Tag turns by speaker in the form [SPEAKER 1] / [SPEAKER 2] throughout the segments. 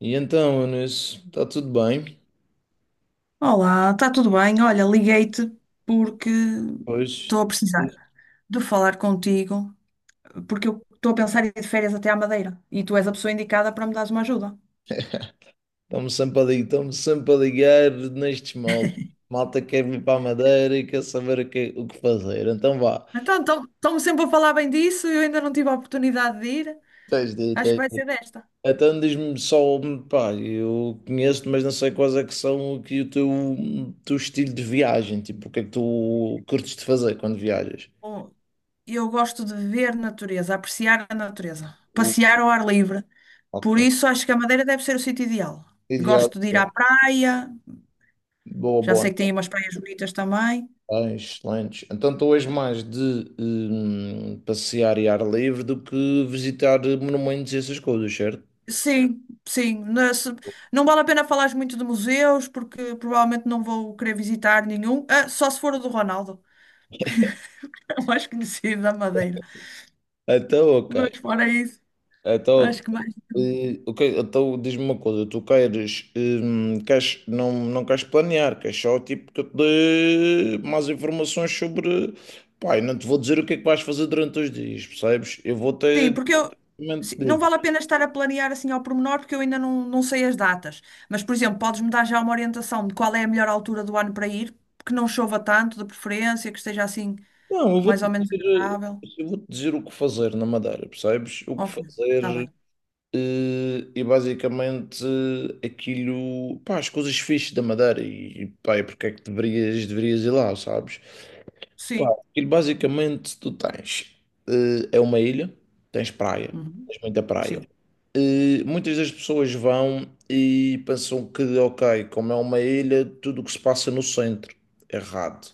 [SPEAKER 1] E então, Eunice, está tudo bem?
[SPEAKER 2] Olá, está tudo bem? Olha, liguei-te porque
[SPEAKER 1] Hoje
[SPEAKER 2] estou a precisar de falar contigo, porque eu estou a pensar em ir de férias até à Madeira e tu és a pessoa indicada para me dares uma ajuda.
[SPEAKER 1] estamos sempre a ligar, estamos sempre a ligar nestes moldes. Malta quer vir para a Madeira e quer saber o que fazer. Então vá,
[SPEAKER 2] Então, estão-me sempre a falar bem disso, eu ainda não tive a oportunidade de ir.
[SPEAKER 1] tens de ir,
[SPEAKER 2] Acho que
[SPEAKER 1] tens
[SPEAKER 2] vai
[SPEAKER 1] de ir.
[SPEAKER 2] ser desta.
[SPEAKER 1] Então diz-me só, pá, eu conheço-te, mas não sei quais é que são aqui o teu estilo de viagem. Tipo, o que é que tu curtes de fazer quando viajas?
[SPEAKER 2] Bom, eu gosto de ver natureza, apreciar a natureza,
[SPEAKER 1] O-
[SPEAKER 2] passear ao ar livre.
[SPEAKER 1] Ok.
[SPEAKER 2] Por isso, acho que a Madeira deve ser o sítio ideal.
[SPEAKER 1] Ideal.
[SPEAKER 2] Gosto de ir à praia,
[SPEAKER 1] Boa,
[SPEAKER 2] já
[SPEAKER 1] boa.
[SPEAKER 2] sei que tem aí umas praias bonitas também.
[SPEAKER 1] Lanche, lanche. Então estou hoje mais de passear e ar livre do que visitar monumentos e essas coisas, certo?
[SPEAKER 2] Sim, sim. Na se- Não vale a pena falar muito de museus, porque provavelmente não vou querer visitar nenhum. Ah, só se for o do Ronaldo, o mais conhecido da Madeira.
[SPEAKER 1] Então, ok.
[SPEAKER 2] Mas fora isso,
[SPEAKER 1] Então,
[SPEAKER 2] acho
[SPEAKER 1] ok.
[SPEAKER 2] que mais.
[SPEAKER 1] Ok, então diz-me uma coisa, tu queres não queres planear, queres só tipo que eu te dê mais informações sobre. Pai, não te vou dizer o que é que vais fazer durante os dias, percebes? Eu vou
[SPEAKER 2] Sim,
[SPEAKER 1] ter.
[SPEAKER 2] porque eu. Sim, não vale a pena estar a planear assim ao pormenor, porque eu ainda não sei as datas. Mas, por exemplo, podes-me dar já uma orientação de qual é a melhor altura do ano para ir, que não chova tanto, de preferência, que esteja assim
[SPEAKER 1] Não, eu
[SPEAKER 2] mais
[SPEAKER 1] vou-te
[SPEAKER 2] ou menos
[SPEAKER 1] dizer,
[SPEAKER 2] agradável.
[SPEAKER 1] eu vou-te dizer o que fazer na Madeira, percebes? O que
[SPEAKER 2] Ok, está
[SPEAKER 1] fazer.
[SPEAKER 2] bem.
[SPEAKER 1] E basicamente aquilo, pá, as coisas fixes da Madeira e pá, e porque é que deverias ir lá, sabes? Pá,
[SPEAKER 2] Sim.
[SPEAKER 1] aquilo basicamente tu tens, é uma ilha, tens praia,
[SPEAKER 2] Uhum.
[SPEAKER 1] tens muita praia.
[SPEAKER 2] Sim.
[SPEAKER 1] Muitas das pessoas vão e pensam que, ok, como é uma ilha, tudo o que se passa no centro, é errado.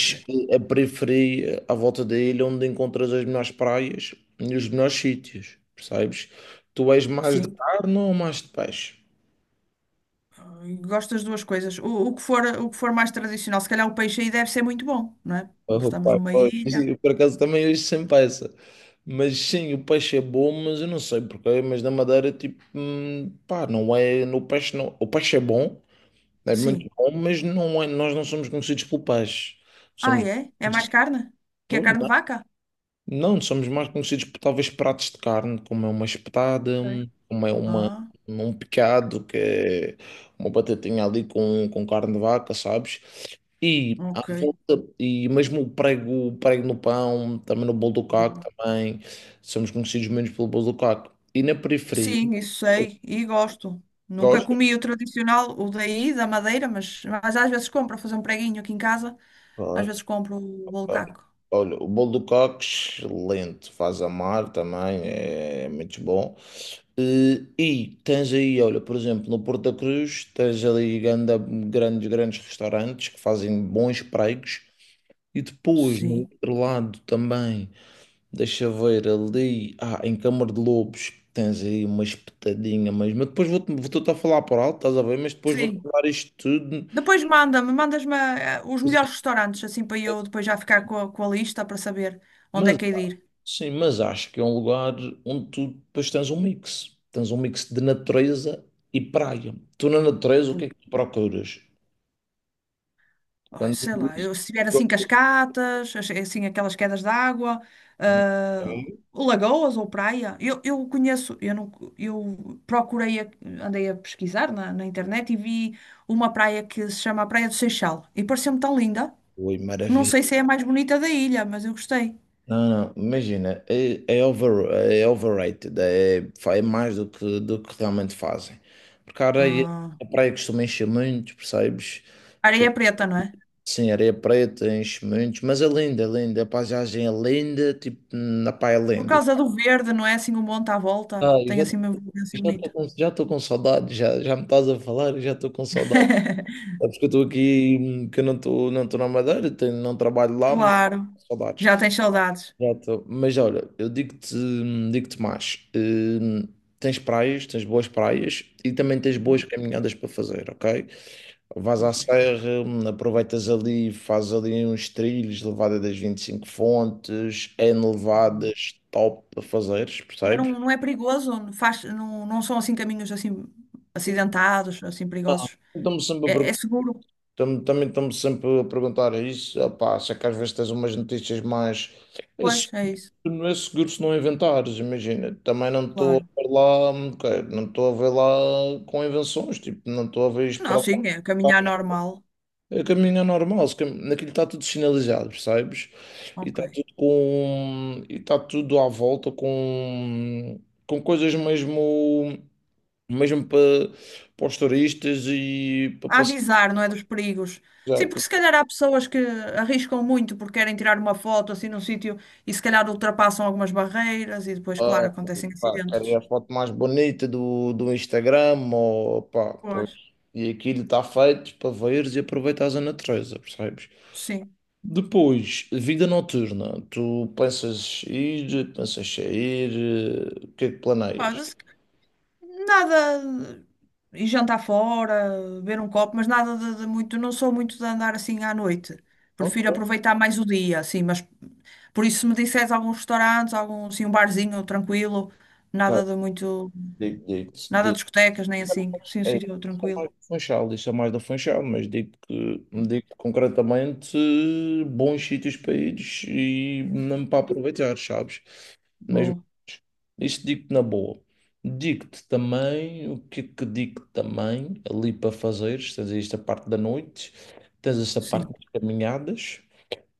[SPEAKER 2] Ok.
[SPEAKER 1] a periferia à volta da ilha onde encontras as melhores praias e os melhores sítios, percebes? Tu és mais de
[SPEAKER 2] Sim.
[SPEAKER 1] carne ou mais de peixe?
[SPEAKER 2] Gosto das duas coisas. O que for, o que for mais tradicional, se calhar o peixe aí deve ser muito bom, não é?
[SPEAKER 1] Oh,
[SPEAKER 2] Estamos
[SPEAKER 1] pá,
[SPEAKER 2] numa
[SPEAKER 1] pois,
[SPEAKER 2] ilha.
[SPEAKER 1] eu, por acaso também hoje sem peça. Mas sim, o peixe é bom, mas eu não sei porquê, mas na Madeira, tipo, pá, não é, no peixe não, o peixe é bom, é
[SPEAKER 2] Sim.
[SPEAKER 1] muito bom, mas não é, nós não somos conhecidos pelo peixe.
[SPEAKER 2] Ah,
[SPEAKER 1] Somos
[SPEAKER 2] é? É mais carne? Que a carne de vaca?
[SPEAKER 1] Não, somos mais conhecidos por talvez pratos de carne, como é uma espetada,
[SPEAKER 2] Ok.
[SPEAKER 1] como é uma,
[SPEAKER 2] Ah,
[SPEAKER 1] um picado, que é uma batatinha ali com carne de vaca, sabes? E à
[SPEAKER 2] ok.
[SPEAKER 1] volta, e mesmo o prego no pão, também no bolo do caco,
[SPEAKER 2] Boa.
[SPEAKER 1] também somos conhecidos menos pelo bolo do caco. E na periferia,
[SPEAKER 2] Sim, isso sei e gosto. Nunca
[SPEAKER 1] gosto.
[SPEAKER 2] comi o tradicional, o daí, da Madeira, mas às vezes compro para fazer um preguinho aqui em casa. Às
[SPEAKER 1] Claro,
[SPEAKER 2] vezes compro o bolo
[SPEAKER 1] claro.
[SPEAKER 2] caco.
[SPEAKER 1] Olha, o bolo do caco, excelente, faz amar também, é muito bom. E tens aí, olha, por exemplo, no Porto da Cruz, tens ali grandes restaurantes que fazem bons pregos. E depois, no
[SPEAKER 2] Sim.
[SPEAKER 1] outro lado também, deixa ver ali, em Câmara de Lobos, tens aí uma espetadinha mesmo. Mas depois vou-te a falar por alto, estás a ver? Mas depois vou-te
[SPEAKER 2] Sim.
[SPEAKER 1] dar isto tudo.
[SPEAKER 2] Depois manda-me, mandas-me os melhores restaurantes, assim para eu depois já ficar com com a lista para saber onde é
[SPEAKER 1] Mas,
[SPEAKER 2] que hei de ir.
[SPEAKER 1] sim, mas acho que é um lugar onde tu depois tens um mix. Tens um mix de natureza e praia. Tu na natureza, o
[SPEAKER 2] Pô,
[SPEAKER 1] que é que tu procuras?
[SPEAKER 2] ai,
[SPEAKER 1] Quando
[SPEAKER 2] sei lá, eu, se tiver assim cascatas, assim aquelas quedas de água, ah, lagoas ou praia. Eu conheço, eu, não, eu procurei, andei a pesquisar na internet e vi uma praia que se chama a Praia do Seixal e pareceu-me tão linda.
[SPEAKER 1] Ui,
[SPEAKER 2] Não
[SPEAKER 1] maravilha.
[SPEAKER 2] sei se é a mais bonita da ilha, mas eu gostei.
[SPEAKER 1] Não, não, imagina, é overrated, é mais do que, realmente fazem. Porque a areia,
[SPEAKER 2] Ah,
[SPEAKER 1] a praia costuma encher muito, percebes?
[SPEAKER 2] areia é preta, não é?
[SPEAKER 1] Sim, areia preta enche muito, mas é linda, a paisagem é linda, tipo, na praia é
[SPEAKER 2] Por
[SPEAKER 1] linda.
[SPEAKER 2] causa do verde, não é assim um monte à volta?
[SPEAKER 1] Ah, eu
[SPEAKER 2] Tem
[SPEAKER 1] já
[SPEAKER 2] assim uma evolução
[SPEAKER 1] já estou
[SPEAKER 2] bonita.
[SPEAKER 1] com, já tô com saudade, já me estás a falar, eu já estou com saudade. É porque eu estou aqui, que eu não estou na Madeira, tenho, não trabalho lá, mas tô
[SPEAKER 2] Claro.
[SPEAKER 1] com saudades.
[SPEAKER 2] Já tens saudades.
[SPEAKER 1] Já estou. Mas olha, eu digo-te mais. Tens praias, tens boas praias e também tens boas
[SPEAKER 2] Uhum.
[SPEAKER 1] caminhadas para fazer, ok? Vais à
[SPEAKER 2] Ok.
[SPEAKER 1] serra, aproveitas ali, fazes ali uns trilhos, levada das vinte e cinco fontes, N
[SPEAKER 2] Bom.
[SPEAKER 1] levadas, top para fazeres,
[SPEAKER 2] Mas
[SPEAKER 1] percebes?
[SPEAKER 2] não, não é perigoso? Não faz, não, não são assim caminhos assim
[SPEAKER 1] E
[SPEAKER 2] acidentados, assim perigosos?
[SPEAKER 1] estão-me sempre a
[SPEAKER 2] É,
[SPEAKER 1] pergun-
[SPEAKER 2] é seguro?
[SPEAKER 1] Também estão-me sempre a perguntar isso, opá, se é que às vezes tens umas notícias mais.
[SPEAKER 2] Pois, é isso.
[SPEAKER 1] Não é seguro se não inventares, imagina. Também não estou a
[SPEAKER 2] Claro.
[SPEAKER 1] ver lá, ok, não estou a ver lá com invenções, tipo, não estou a ver isto para
[SPEAKER 2] Não,
[SPEAKER 1] lá.
[SPEAKER 2] sim, é caminhar normal.
[SPEAKER 1] O caminho é normal, se cam- naquilo está tudo sinalizado, percebes? E
[SPEAKER 2] Ok.
[SPEAKER 1] está tudo com, e está tudo à volta com, coisas mesmo, mesmo para os turistas e para
[SPEAKER 2] A
[SPEAKER 1] passar.
[SPEAKER 2] avisar, não é dos perigos. Sim, porque se calhar há pessoas que arriscam muito porque querem tirar uma foto assim num sítio e se calhar ultrapassam algumas barreiras e depois,
[SPEAKER 1] Ah,
[SPEAKER 2] claro, acontecem
[SPEAKER 1] pá, querem
[SPEAKER 2] acidentes.
[SPEAKER 1] a foto mais bonita do Instagram, ou pá, pois.
[SPEAKER 2] Pois,
[SPEAKER 1] E aquilo está feito para veres e aproveitares a natureza, percebes?
[SPEAKER 2] sim.
[SPEAKER 1] Depois, vida noturna. Tu pensas ir, pensas sair, o que é que planeias?
[SPEAKER 2] Mas, nada. E jantar fora, beber um copo, mas nada de muito. Não sou muito de andar assim à noite.
[SPEAKER 1] Ok,
[SPEAKER 2] Prefiro aproveitar mais o dia, assim. Mas por isso, se me disseres alguns restaurantes, algum, assim, um barzinho tranquilo,
[SPEAKER 1] ok,
[SPEAKER 2] nada de muito.
[SPEAKER 1] digo, digo,
[SPEAKER 2] Nada de
[SPEAKER 1] digo.
[SPEAKER 2] discotecas, nem
[SPEAKER 1] Isso é
[SPEAKER 2] assim. Sim, um
[SPEAKER 1] mais é,
[SPEAKER 2] sítio
[SPEAKER 1] isso é mais
[SPEAKER 2] tranquilo.
[SPEAKER 1] do Funchal, mas digo concretamente bons sítios para ires e mesmo para aproveitar, sabes? Nas
[SPEAKER 2] Boa,
[SPEAKER 1] Isto digo-te na boa. Digo-te também, o que é que digo também, ali para fazeres, tens esta parte da noite, tens esta parte
[SPEAKER 2] sim.
[SPEAKER 1] das caminhadas,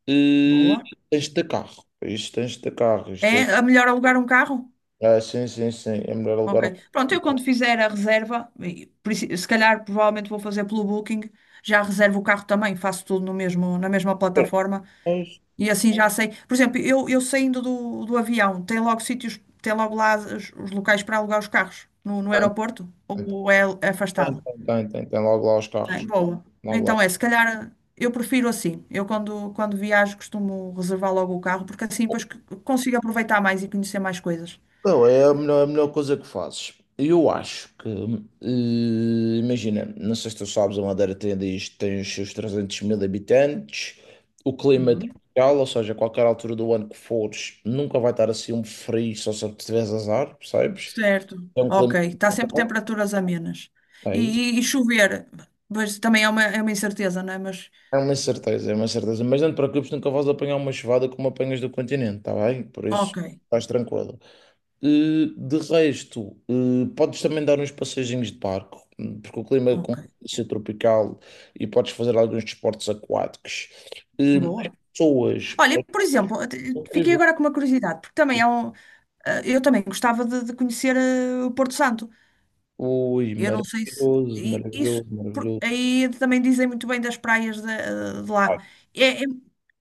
[SPEAKER 1] e
[SPEAKER 2] Boa.
[SPEAKER 1] tens de ter carro, isto tens de ter carro, isto
[SPEAKER 2] É,
[SPEAKER 1] tens...
[SPEAKER 2] a melhor alugar um carro?
[SPEAKER 1] Ah, sim, sim, sim, é melhor
[SPEAKER 2] Ok.
[SPEAKER 1] alugar um...
[SPEAKER 2] Pronto, eu quando fizer a reserva, e se calhar provavelmente vou fazer pelo Booking, já reservo o carro também, faço tudo no mesmo, na mesma plataforma
[SPEAKER 1] Tem,
[SPEAKER 2] e assim já sei. Por exemplo, eu saindo do avião, tem logo sítios, tem logo lá os locais para alugar os carros no
[SPEAKER 1] tem,
[SPEAKER 2] aeroporto
[SPEAKER 1] tem,
[SPEAKER 2] ou é
[SPEAKER 1] tem,
[SPEAKER 2] afastado?
[SPEAKER 1] tem, tem, tem logo lá os
[SPEAKER 2] Tem,
[SPEAKER 1] carros,
[SPEAKER 2] boa.
[SPEAKER 1] logo lá.
[SPEAKER 2] Então é, se calhar eu prefiro assim. Quando viajo costumo reservar logo o carro porque assim depois consigo aproveitar mais e conhecer mais coisas.
[SPEAKER 1] Não, é a melhor coisa que fazes. Eu acho que, imagina, não sei se tu sabes, a Madeira tem os seus 300 mil habitantes, o clima é tropical, ou seja, a qualquer altura do ano que fores, nunca vai estar assim um frio, só se tiveres azar, percebes?
[SPEAKER 2] Certo,
[SPEAKER 1] É um
[SPEAKER 2] ok.
[SPEAKER 1] clima
[SPEAKER 2] Está sempre
[SPEAKER 1] tropical.
[SPEAKER 2] temperaturas amenas. E, e chover, pois também é uma incerteza, não é? Mas,
[SPEAKER 1] É uma certeza, é uma certeza. Mas não te preocupes, nunca vais apanhar uma chuvada como apanhas do continente, tá bem? Por isso,
[SPEAKER 2] ok,
[SPEAKER 1] estás tranquilo. De resto, podes também dar uns passeizinhos de barco, porque o clima é
[SPEAKER 2] ok.
[SPEAKER 1] ser tropical e podes fazer alguns desportos aquáticos. Eh, as
[SPEAKER 2] Boa.
[SPEAKER 1] pessoas,
[SPEAKER 2] Olha, e, por exemplo, fiquei
[SPEAKER 1] incrível.
[SPEAKER 2] agora com uma curiosidade, porque também é um. Eu também gostava de conhecer o Porto Santo.
[SPEAKER 1] Ui,
[SPEAKER 2] Eu não sei se.
[SPEAKER 1] maravilhoso,
[SPEAKER 2] E- Isso.
[SPEAKER 1] maravilhoso,
[SPEAKER 2] por-
[SPEAKER 1] maravilhoso.
[SPEAKER 2] Aí também dizem muito bem das praias de lá.
[SPEAKER 1] Ah,
[SPEAKER 2] É- é-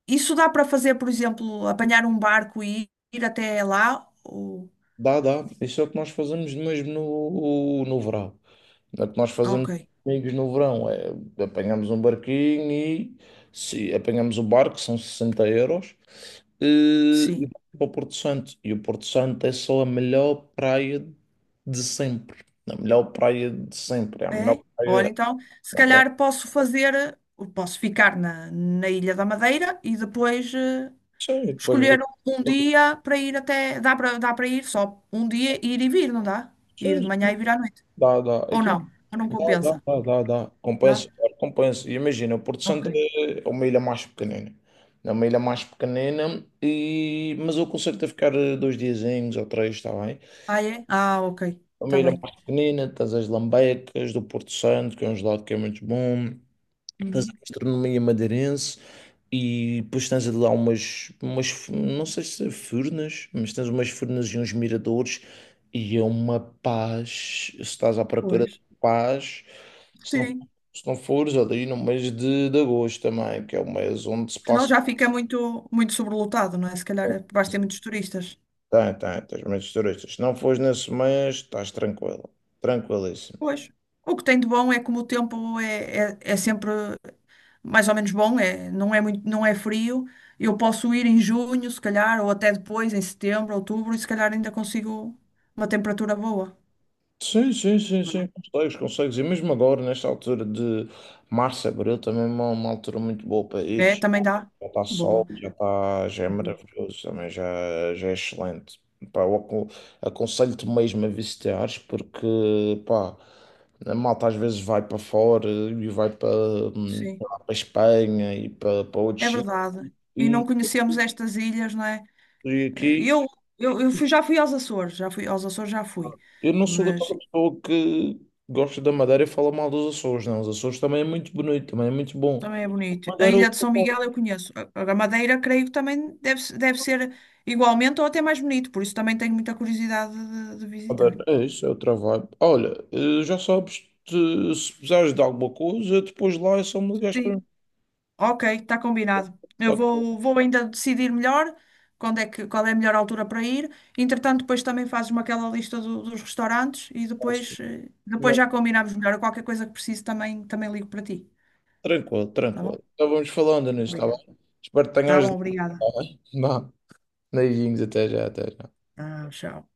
[SPEAKER 2] isso dá para fazer, por exemplo, apanhar um barco e ir até lá? Ou...
[SPEAKER 1] dá, dá. Isso é o que nós fazemos mesmo no verão. É o que nós fazemos
[SPEAKER 2] Ok,
[SPEAKER 1] com amigos no verão, é apanhamos um barquinho e se apanhamos o barco, são 60 euros, e,
[SPEAKER 2] sim.
[SPEAKER 1] e vamos para o Porto Santo. E o Porto Santo é só a melhor praia de sempre. A melhor praia de sempre. É a melhor
[SPEAKER 2] É? Olha
[SPEAKER 1] praia.
[SPEAKER 2] então, se
[SPEAKER 1] Uma praia.
[SPEAKER 2] calhar posso fazer, posso ficar na, na Ilha da Madeira e depois
[SPEAKER 1] Sim, e depois
[SPEAKER 2] escolher um dia para ir até. Dá para ir só um dia, ir e vir, não dá? Ir de
[SPEAKER 1] sim,
[SPEAKER 2] manhã e vir à noite.
[SPEAKER 1] dá, dá. É
[SPEAKER 2] Ou
[SPEAKER 1] que
[SPEAKER 2] não? Ou não
[SPEAKER 1] dá, dá,
[SPEAKER 2] compensa?
[SPEAKER 1] dá, dá, dá.
[SPEAKER 2] Dá?
[SPEAKER 1] Compensa, claro, compensa. E imagina, o Porto
[SPEAKER 2] Ok.
[SPEAKER 1] Santo é uma ilha mais pequenina. É uma ilha mais pequenina, e... mas eu consigo-te ficar dois diazinhos ou três, está bem?
[SPEAKER 2] Ah, é? Ah, ok.
[SPEAKER 1] É uma
[SPEAKER 2] Está
[SPEAKER 1] ilha
[SPEAKER 2] bem.
[SPEAKER 1] mais pequenina, tens as lambecas do Porto Santo, que é um gelado que é muito bom. Tens a
[SPEAKER 2] Uhum.
[SPEAKER 1] gastronomia madeirense e depois tens lá não sei se é furnas, mas tens umas furnas e uns miradores e é uma paz. Se estás à procura
[SPEAKER 2] Pois.
[SPEAKER 1] de paz, se não,
[SPEAKER 2] Sim.
[SPEAKER 1] se não fores ali no mês de, agosto também, que é o mês onde se
[SPEAKER 2] Senão
[SPEAKER 1] passa,
[SPEAKER 2] já fica muito, muito sobrelotado, não é? Se calhar vais ter muitos turistas.
[SPEAKER 1] tens muitos turistas. Se não fores nesse mês, estás tranquilo, tranquilíssimo.
[SPEAKER 2] Pois. O que tem de bom é como o tempo é sempre mais ou menos bom, é, não é muito, não é frio. Eu posso ir em junho, se calhar, ou até depois, em setembro, outubro, e se calhar ainda consigo uma temperatura boa.
[SPEAKER 1] Sim, sim, sim, sim,
[SPEAKER 2] Não
[SPEAKER 1] consegues, consegues. E mesmo agora, nesta altura de março, abril, também é uma altura muito boa para ir.
[SPEAKER 2] É, é, também dá.
[SPEAKER 1] Já está sol,
[SPEAKER 2] Boa,
[SPEAKER 1] já está, já é
[SPEAKER 2] é?
[SPEAKER 1] maravilhoso também, já é excelente. Pá, eu aconselho-te mesmo a visitares porque, pá, a malta às vezes vai para fora e vai para, hum,
[SPEAKER 2] Sim,
[SPEAKER 1] para a Espanha e para outros
[SPEAKER 2] é
[SPEAKER 1] sítios
[SPEAKER 2] verdade. E
[SPEAKER 1] e,
[SPEAKER 2] não conhecemos estas ilhas, não é?
[SPEAKER 1] e aqui
[SPEAKER 2] Eu, já fui aos Açores, já fui aos Açores, já fui.
[SPEAKER 1] eu não sou
[SPEAKER 2] Mas
[SPEAKER 1] daquela pessoa que gosta da Madeira e fala mal dos Açores, não. Os Açores também é muito bonito, também é muito bom.
[SPEAKER 2] também é bonito. A
[SPEAKER 1] Madeira
[SPEAKER 2] Ilha de São Miguel eu conheço. A Madeira creio que também deve, deve ser igualmente ou até mais bonito, por isso também tenho muita curiosidade de visitar.
[SPEAKER 1] Moderno, é isso, é outra vibe. Olha, já sabes, se precisares de alguma coisa, depois lá é só me ligares para
[SPEAKER 2] Sim,
[SPEAKER 1] mim.
[SPEAKER 2] ok, está combinado.
[SPEAKER 1] Tá tudo bem,
[SPEAKER 2] Vou ainda decidir melhor quando é que, qual é a melhor altura para ir. Entretanto, depois também fazes-me aquela lista dos restaurantes e
[SPEAKER 1] tá
[SPEAKER 2] depois,
[SPEAKER 1] tudo bem.
[SPEAKER 2] depois já combinamos melhor. Qualquer coisa que precise também, também ligo para ti.
[SPEAKER 1] Tranquilo,
[SPEAKER 2] Tá bom?
[SPEAKER 1] tranquilo. Então vamos falando nisso, está
[SPEAKER 2] Obrigada.
[SPEAKER 1] bem? Espero que
[SPEAKER 2] Tá
[SPEAKER 1] tenhas.
[SPEAKER 2] bom,
[SPEAKER 1] Tá
[SPEAKER 2] obrigada.
[SPEAKER 1] bem? Vá. Beijinhos, até já, até já.
[SPEAKER 2] Ah, tchau.